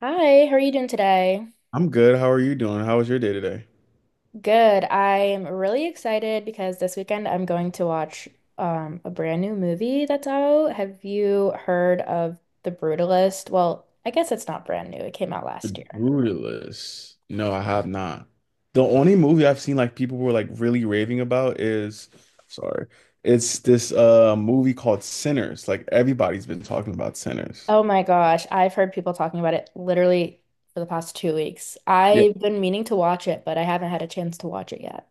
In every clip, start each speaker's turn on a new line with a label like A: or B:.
A: Hi, how are you doing today?
B: I'm good. How are you doing? How was your day today?
A: Good. I'm really excited because this weekend I'm going to watch a brand new movie that's out. Have you heard of The Brutalist? Well, I guess it's not brand new. It came out last year.
B: Brutalist. No, I have not. The only movie I've seen like people were like really raving about sorry, it's this movie called Sinners. Like everybody's been talking about Sinners.
A: Oh my gosh, I've heard people talking about it literally for the past 2 weeks.
B: Yeah.
A: I've been meaning to watch it, but I haven't had a chance to watch it yet.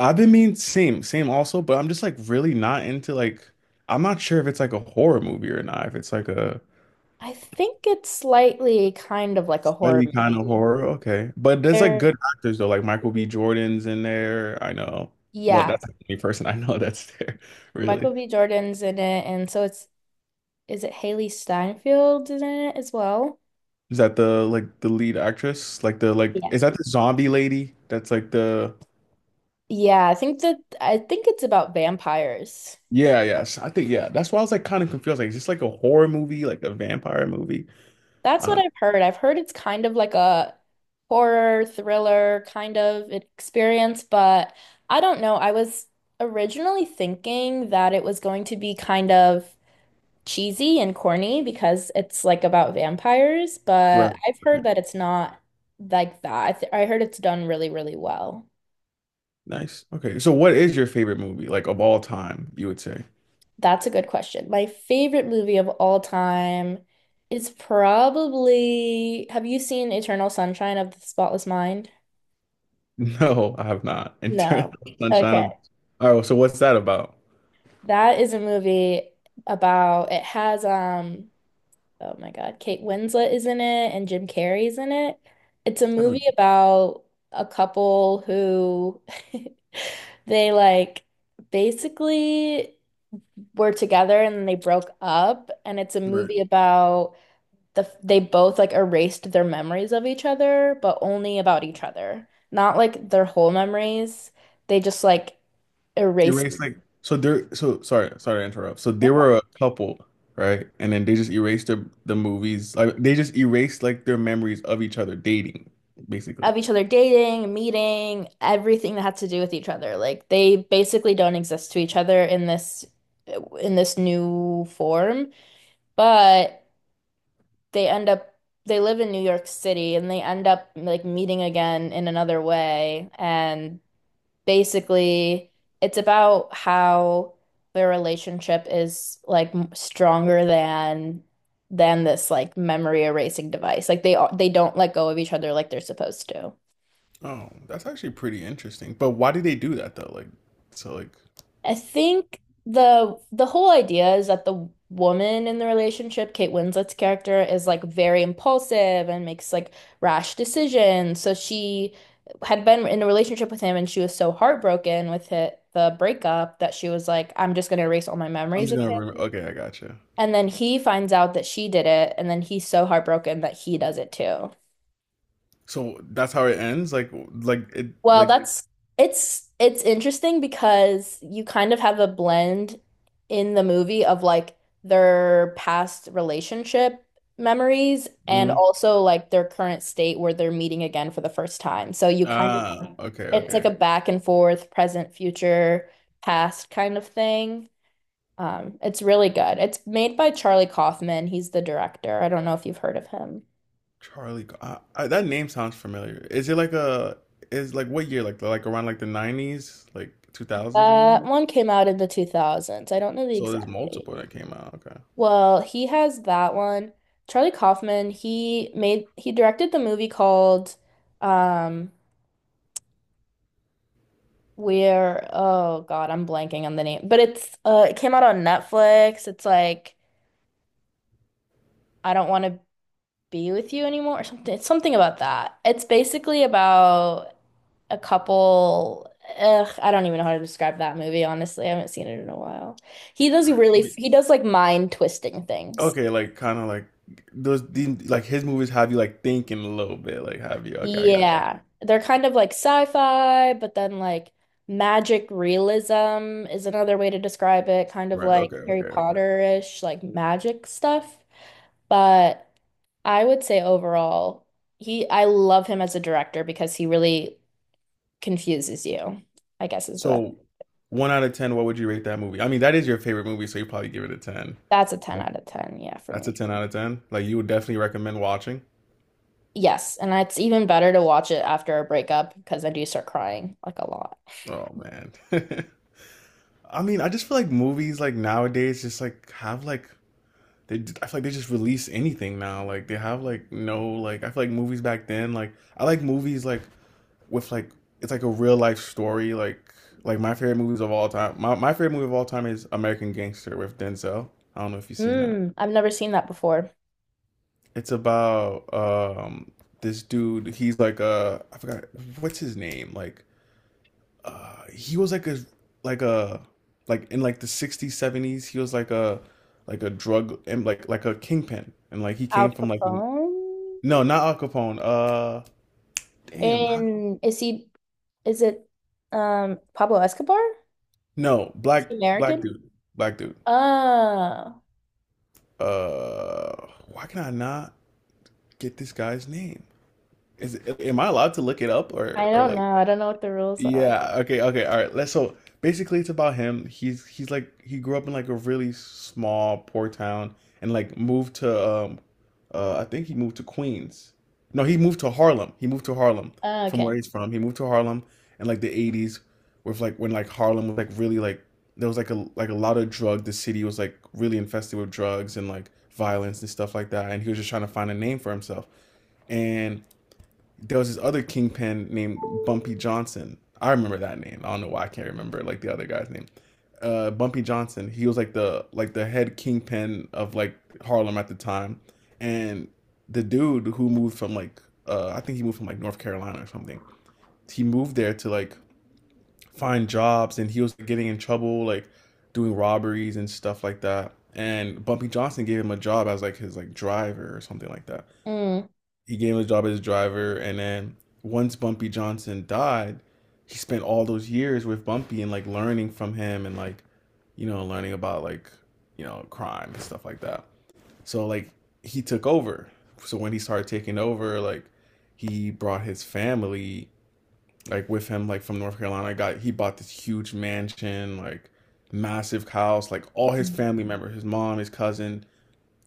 B: I've been mean same, same also, but I'm just like really not into like I'm not sure if it's like a horror movie or not, if it's like a
A: I think it's slightly kind of like a horror
B: really kind of
A: movie.
B: horror, okay. But there's like
A: There,
B: good actors though, like Michael B. Jordan's in there. I know. Well,
A: yeah,
B: that's the only person I know that's there, really.
A: Michael B. Jordan's in it, and so it's is it Haley Steinfeld in it as well?
B: Is that the lead actress? Like
A: Yeah.
B: is that the zombie lady? That's like the
A: Yeah, I think it's about vampires.
B: yeah, yes. I think yeah. That's why I was like kind of confused. Like, is this like a horror movie, like a vampire movie?
A: That's
B: I
A: what
B: don't know.
A: I've heard. I've heard it's kind of like a horror thriller kind of experience, but I don't know. I was originally thinking that it was going to be kind of cheesy and corny because it's like about vampires, but
B: Right.
A: I've
B: Okay.
A: heard that it's not like that. I heard it's done really, really well.
B: Nice. Okay. So what is your favorite movie, like of all time, you would say?
A: That's a good question. My favorite movie of all time is probably, have you seen Eternal Sunshine of the Spotless Mind?
B: No, I have not. Eternal
A: No.
B: Sunshine of
A: Okay.
B: all right, well, so what's that about?
A: That is a movie about it has oh my God, Kate Winslet is in it and Jim Carrey's in it. It's a
B: I
A: movie
B: don't.
A: about a couple who they like basically were together and then they broke up, and it's a
B: Right.
A: movie about the they both like erased their memories of each other, but only about each other. Not like their whole memories. They just like erased
B: Erased like so there so sorry to interrupt, so they were a couple, right? And then they just erased the movies, like they just erased like their memories of each other dating basically.
A: of each other dating, meeting, everything that had to do with each other. Like they basically don't exist to each other in this new form, but they end up they live in New York City and they end up like meeting again in another way. And basically it's about how their relationship is like m- stronger than this like memory erasing device. Like they are- they don't let go of each other like they're supposed to.
B: Oh, that's actually pretty interesting, but why did they do that though? Like so like
A: I think the whole idea is that the woman in the relationship, Kate Winslet's character, is like very impulsive and makes like rash decisions. So she had been in a relationship with him and she was so heartbroken with it, the breakup, that she was like, I'm just gonna erase all my
B: I'm
A: memories
B: just
A: of
B: gonna remember,
A: him.
B: okay, I gotcha.
A: And then he finds out that she did it, and then he's so heartbroken that he does it too.
B: So that's how it ends like it
A: Well,
B: like
A: that's it's interesting because you kind of have a blend in the movie of like their past relationship memories and
B: mhm.
A: also like their current state where they're meeting again for the first time. So you kind
B: Ah,
A: of
B: okay,
A: it's
B: okay.
A: like a back and forth, present, future, past kind of thing. It's really good. It's made by Charlie Kaufman. He's the director. I don't know if you've heard of him.
B: Charlie Go- I, That name sounds familiar. Is it like a is like what year, like around like the 90s, like 2000s maybe?
A: That one came out in the 2000s. I don't know the
B: So there's
A: exact date.
B: multiple that came out. Okay.
A: Well, he has that one. Charlie Kaufman, he made he directed the movie called um where oh God, I'm blanking on the name. But it's it came out on Netflix. It's like I don't want to be with you anymore or something. It's something about that. It's basically about a couple. Ugh, I don't even know how to describe that movie, honestly. I haven't seen it in a while. He does
B: All right, let
A: really
B: me-
A: he does like mind twisting things.
B: Okay, like kind of like those these like his movies have you like thinking a little bit, like have you? Okay, I got you.
A: Yeah, they're kind of like sci-fi, but then like magic realism is another way to describe it, kind of
B: Right.
A: like
B: Okay.
A: Harry
B: Okay. Okay.
A: Potter-ish, like magic stuff. But I would say overall, he I love him as a director because he really confuses you, I guess is the best.
B: So one out of ten, what would you rate that movie? I mean, that is your favorite movie, so you probably give it a ten.
A: That's a 10
B: Like
A: out of 10, yeah, for
B: that's a
A: me.
B: ten out of ten. Like you would definitely recommend watching.
A: Yes, and it's even better to watch it after a breakup because I do start crying like a lot.
B: Oh man. I mean, I just feel like movies like nowadays just like have like they I feel like they just release anything now. Like they have like no like I feel like movies back then like I like movies like with like it's like a real life story. Like my favorite movies of all time. My favorite movie of all time is American Gangster with Denzel. I don't know if you've seen that.
A: Mm, I've never seen that before.
B: It's about this dude. He's like a I forgot what's his name. Like he was like a like a like in like the 60s 70s he was like a drug and like a kingpin and like he
A: Al
B: came from like
A: Capone?
B: no not Al Capone damn how,
A: And is he, is it Pablo Escobar?
B: no
A: Is
B: black
A: he American?
B: black dude
A: Oh,
B: uh, why can I not get this guy's name? Is am I allowed to look it up
A: I
B: or
A: don't
B: like
A: know. I don't know what the rules are.
B: yeah, okay, okay, all right. Let's so basically it's about him. He's like he grew up in like a really small poor town and like moved to I think he moved to Queens. No, he moved to Harlem. He moved to Harlem
A: Oh,
B: from where
A: okay.
B: he's from. He moved to Harlem in like the 80s with like when like Harlem was like really like there was like a lot of drug. The city was like really infested with drugs and like violence and stuff like that, and he was just trying to find a name for himself. And there was this other kingpin named Bumpy Johnson. I remember that name. I don't know why I can't remember like the other guy's name. Bumpy Johnson. He was like the head kingpin of like Harlem at the time, and the dude who moved from like I think he moved from like North Carolina or something. He moved there to like find jobs, and he was getting in trouble like doing robberies and stuff like that. And Bumpy Johnson gave him a job as like his like driver or something like that.
A: Mm.
B: He gave him a job as a driver, and then once Bumpy Johnson died, he spent all those years with Bumpy and like learning from him and like you know learning about like you know crime and stuff like that. So like he took over. So when he started taking over, like he brought his family like with him like from North Carolina. Got he bought this huge mansion, like massive house, like all his
A: Mm.
B: family members, his mom, his cousin,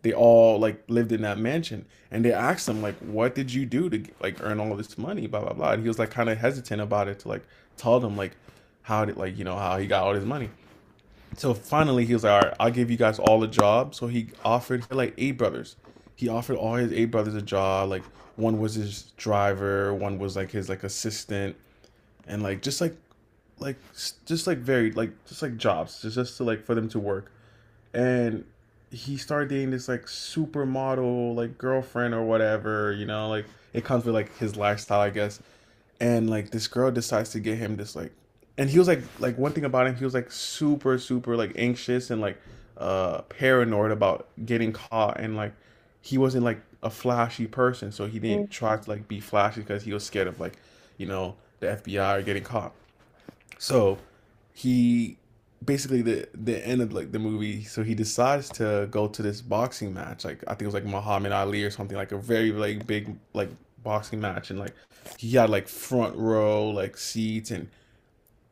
B: they all like lived in that mansion, and they asked him like what did you do to like earn all this money, blah blah blah, and he was like kind of hesitant about it to like tell them like how did like you know how he got all this money. So finally he was like, all right, I'll give you guys all a job. So he offered like eight brothers, he offered all his eight brothers a job, like one was his driver, one was like his like assistant, and like just like very like just like jobs just to like for them to work. And he started dating this like supermodel like girlfriend or whatever, you know, like it comes with like his lifestyle I guess. And like this girl decides to get him this like and he was like one thing about him he was like super super like anxious and like paranoid about getting caught and like he wasn't like a flashy person, so he
A: Mm.
B: didn't try to like be flashy because he was scared of like you know the FBI or getting caught. So he basically the end of like the movie, so he decides to go to this boxing match. Like I think it was like Muhammad Ali or something, like a very like big like boxing match, and like he had like front row like seats. and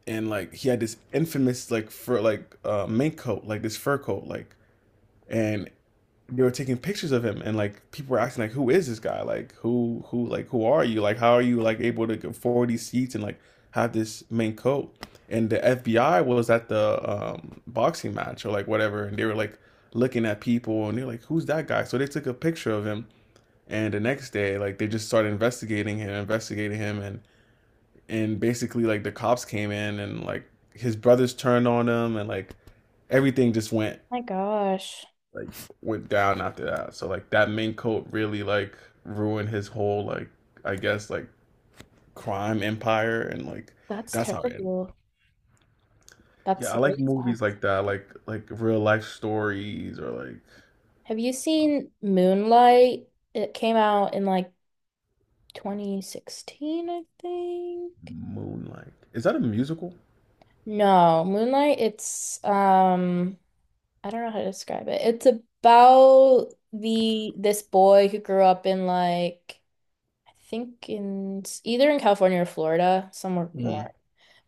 B: and like he had this infamous like fur like mink coat, like this fur coat, like and they were taking pictures of him, and like people were asking like who is this guy, like who like who are you, like how are you like able to afford these seats and like have this main coat. And the FBI was at the boxing match or like whatever, and they were like looking at people and they're like who's that guy, so they took a picture of him. And the next day like they just started investigating him and basically like the cops came in and like his brothers turned on him and like everything just went
A: My gosh,
B: like went down after that. So like that mink coat really like ruined his whole like I guess like crime empire and like
A: that's
B: that's how it ended.
A: terrible.
B: Yeah,
A: That's
B: I like
A: really sad.
B: movies like that, like real life stories or like
A: Have you seen Moonlight? It came out in like 2016, I think.
B: Moonlight. Is that a musical?
A: No, Moonlight, it's I don't know how to describe it. It's about the this boy who grew up in like I think in either in California or Florida, somewhere warm.
B: Mm-hmm.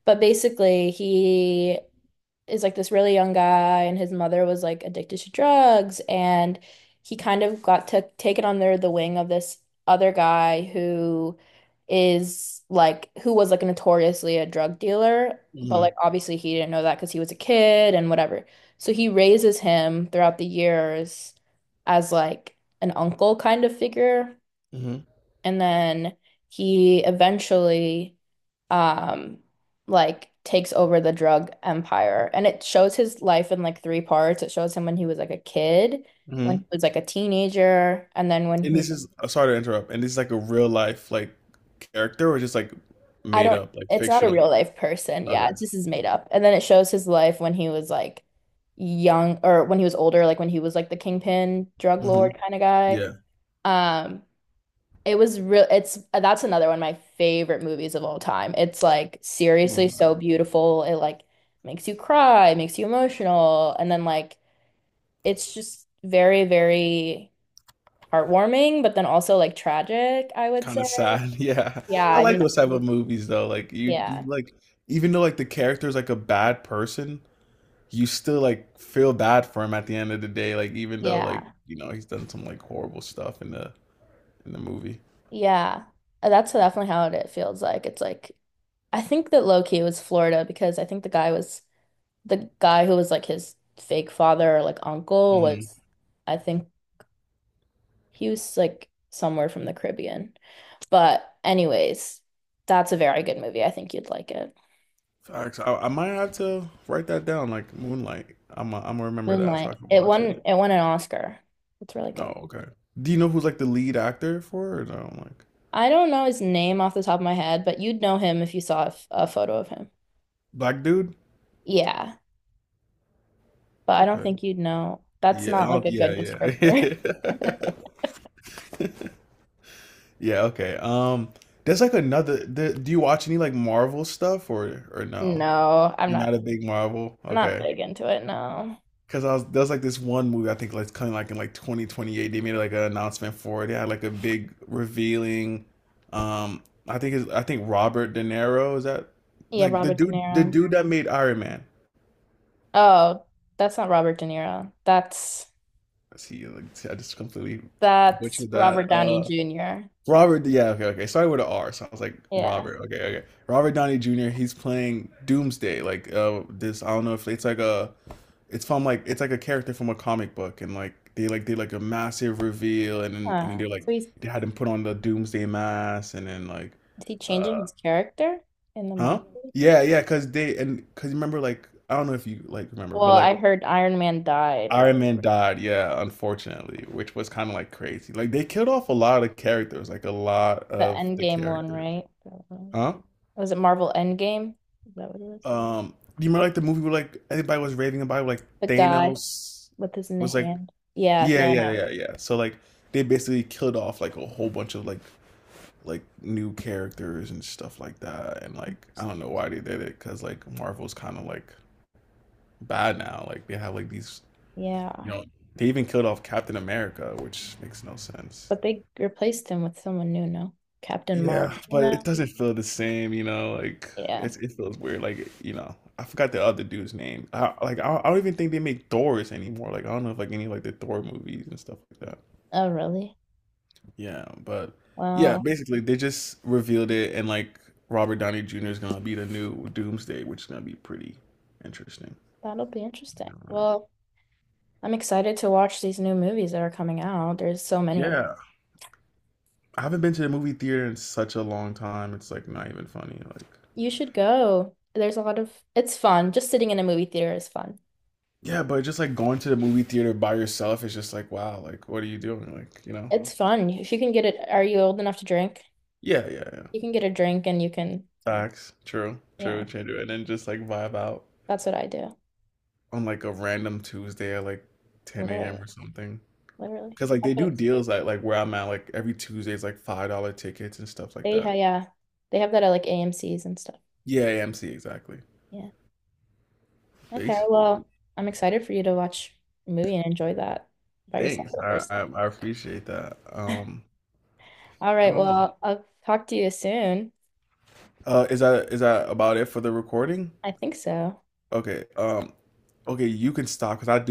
A: But basically, he is like this really young guy, and his mother was like addicted to drugs, and he kind of got to take it under the wing of this other guy who is like who was like notoriously a drug dealer, but
B: Mm-hmm.
A: like obviously he didn't know that because he was a kid and whatever. So he raises him throughout the years as like an uncle kind of figure.
B: Mm-hmm.
A: And then he eventually um like takes over the drug empire. And it shows his life in like three parts. It shows him when he was like a kid, when
B: Mm-hmm.
A: he was like a teenager, and then when
B: And
A: he
B: this is sorry to interrupt. And this is like a real life like character or just like
A: I
B: made
A: don't
B: up, like
A: it's not a
B: fictional.
A: real life person. Yeah,
B: Okay.
A: it's just is made up. And then it shows his life when he was like young or when he was older, like when he was like the kingpin drug
B: Mm-hmm.
A: lord kind of guy.
B: Yeah.
A: Um It was real. It's that's another one of my favorite movies of all time. It's like seriously
B: Moonlight.
A: so beautiful. It like makes you cry, it makes you emotional, and then like it's just very, very heartwarming, but then also like tragic, I would
B: Kind
A: say.
B: of sad. Yeah.
A: Yeah,
B: I
A: I
B: like
A: mean,
B: those type of movies though. Like you
A: yeah,
B: like even though like the character's like a bad person, you still like feel bad for him at the end of the day, like even though like,
A: yeah,
B: you know, he's done some like horrible stuff in the movie.
A: yeah. That's definitely how it feels like. It's like I think that low key it was Florida because I think the guy was the guy who was like his fake father or like uncle
B: Hmm.
A: was I think he was like somewhere from the Caribbean. But anyways, that's a very good movie. I think you'd like it.
B: Facts. I might have to write that down, like Moonlight. I'm I am I gonna remember that so I
A: Moonlight.
B: can watch it.
A: It won an Oscar. It's really
B: Oh,
A: good.
B: okay. Do you know who's like the lead actor for it? Or no, like
A: I don't know his name off the top of my head, but you'd know him if you saw f- a photo of him.
B: black dude?
A: Yeah, but I don't
B: Okay.
A: think you'd know. That's
B: Yeah. I
A: not like
B: don't-
A: a
B: yeah,
A: good descriptor.
B: yeah. Yeah, okay. There's like another. The, do you watch any like Marvel stuff or no?
A: No,
B: You're not a big Marvel.
A: I'm not
B: Okay,
A: big into it, no.
B: because I was there's like this one movie I think like kind of like in like 2028 they made like an announcement for it. They had like a big revealing. Um, I think it's I think Robert De Niro is that
A: Yeah,
B: like the
A: Robert De
B: dude the
A: Niro.
B: dude that made Iron Man.
A: Oh, that's not Robert De Niro.
B: See, like see, I just completely
A: That's
B: butchered
A: Robert
B: that.
A: Downey Jr.
B: Robert, yeah, okay, okay. Started with an R, so I was like
A: Yeah.
B: Robert. Okay, okay. Robert Downey Jr. He's playing Doomsday. Like this, I don't know if it's like a, it's from like it's like a character from a comic book, and like they like did like a massive reveal, and then
A: Huh.
B: they like
A: So he's
B: they had him put on the Doomsday mask, and then like,
A: is he changing
B: uh,
A: his character in the
B: huh?
A: Marvel?
B: Yeah, yeah. Cause they and cause you remember like I don't know if you like remember,
A: Well,
B: but
A: I
B: like
A: heard Iron Man died, right?
B: Iron Man died, yeah, unfortunately, which was kind of like crazy. Like they killed off a lot of characters, like a lot
A: The
B: of the
A: Endgame one,
B: characters.
A: right?
B: Huh?
A: Was it Marvel Endgame? Is that what it was?
B: Um, do you remember like the movie where like everybody was raving about like
A: The guy
B: Thanos
A: with his new
B: was like
A: hand. Yeah,
B: yeah yeah yeah
A: Thanos.
B: yeah. Yeah. So like they basically killed off like a whole bunch of like new characters and stuff like that. And like I don't know why they did it, because like Marvel's kind of like bad now. Like they have like these you
A: Yeah.
B: know they even killed off Captain America, which makes no sense.
A: But they replaced him with someone new, no? Captain
B: Yeah,
A: Marvel
B: but it
A: now?
B: doesn't feel the same, you know. Like
A: Yeah.
B: it's, it feels weird. Like you know, I forgot the other dude's name. I don't even think they make Doors anymore. Like I don't know if like any like the Thor movies and stuff like that.
A: Oh, really?
B: Yeah, but yeah,
A: Well,
B: basically they just revealed it, and like Robert Downey Jr. is gonna be the new Doomsday, which is gonna be pretty interesting.
A: that'll be interesting. Well, I'm excited to watch these new movies that are coming out. There's so many of
B: Yeah, I haven't been to the movie theater in such a long time. It's like not even funny. Like
A: you should go. There's a lot of, it's fun. Just sitting in a movie theater is fun.
B: yeah, but just like going to the movie theater by yourself is just like, wow, like what are you doing? Like, you know?
A: It's fun. If you can get it, are you old enough to drink?
B: Yeah, yeah, yeah.
A: You can get a drink and you can,
B: Facts. True. True.
A: yeah,
B: True. And then just like vibe out
A: that's what I do.
B: on like a random Tuesday at like 10 a.m.
A: Literally,
B: or something.
A: literally.
B: Because like
A: That's
B: they
A: what
B: do
A: it's,
B: deals like where I'm at, like every Tuesday is like $5 tickets and stuff like
A: they, ha-
B: that.
A: yeah, they have that at like AMCs and stuff.
B: Yeah, AMC exactly.
A: Yeah. Okay.
B: Basically.
A: Well, I'm excited for you to watch a movie and enjoy that by yourself
B: Thanks.
A: for the
B: I,
A: first
B: I
A: time.
B: I appreciate that.
A: All
B: I
A: right.
B: don't know.
A: Well, I'll talk to you soon.
B: Is that about it for the recording?
A: I think so.
B: Okay. Okay, you can stop because I do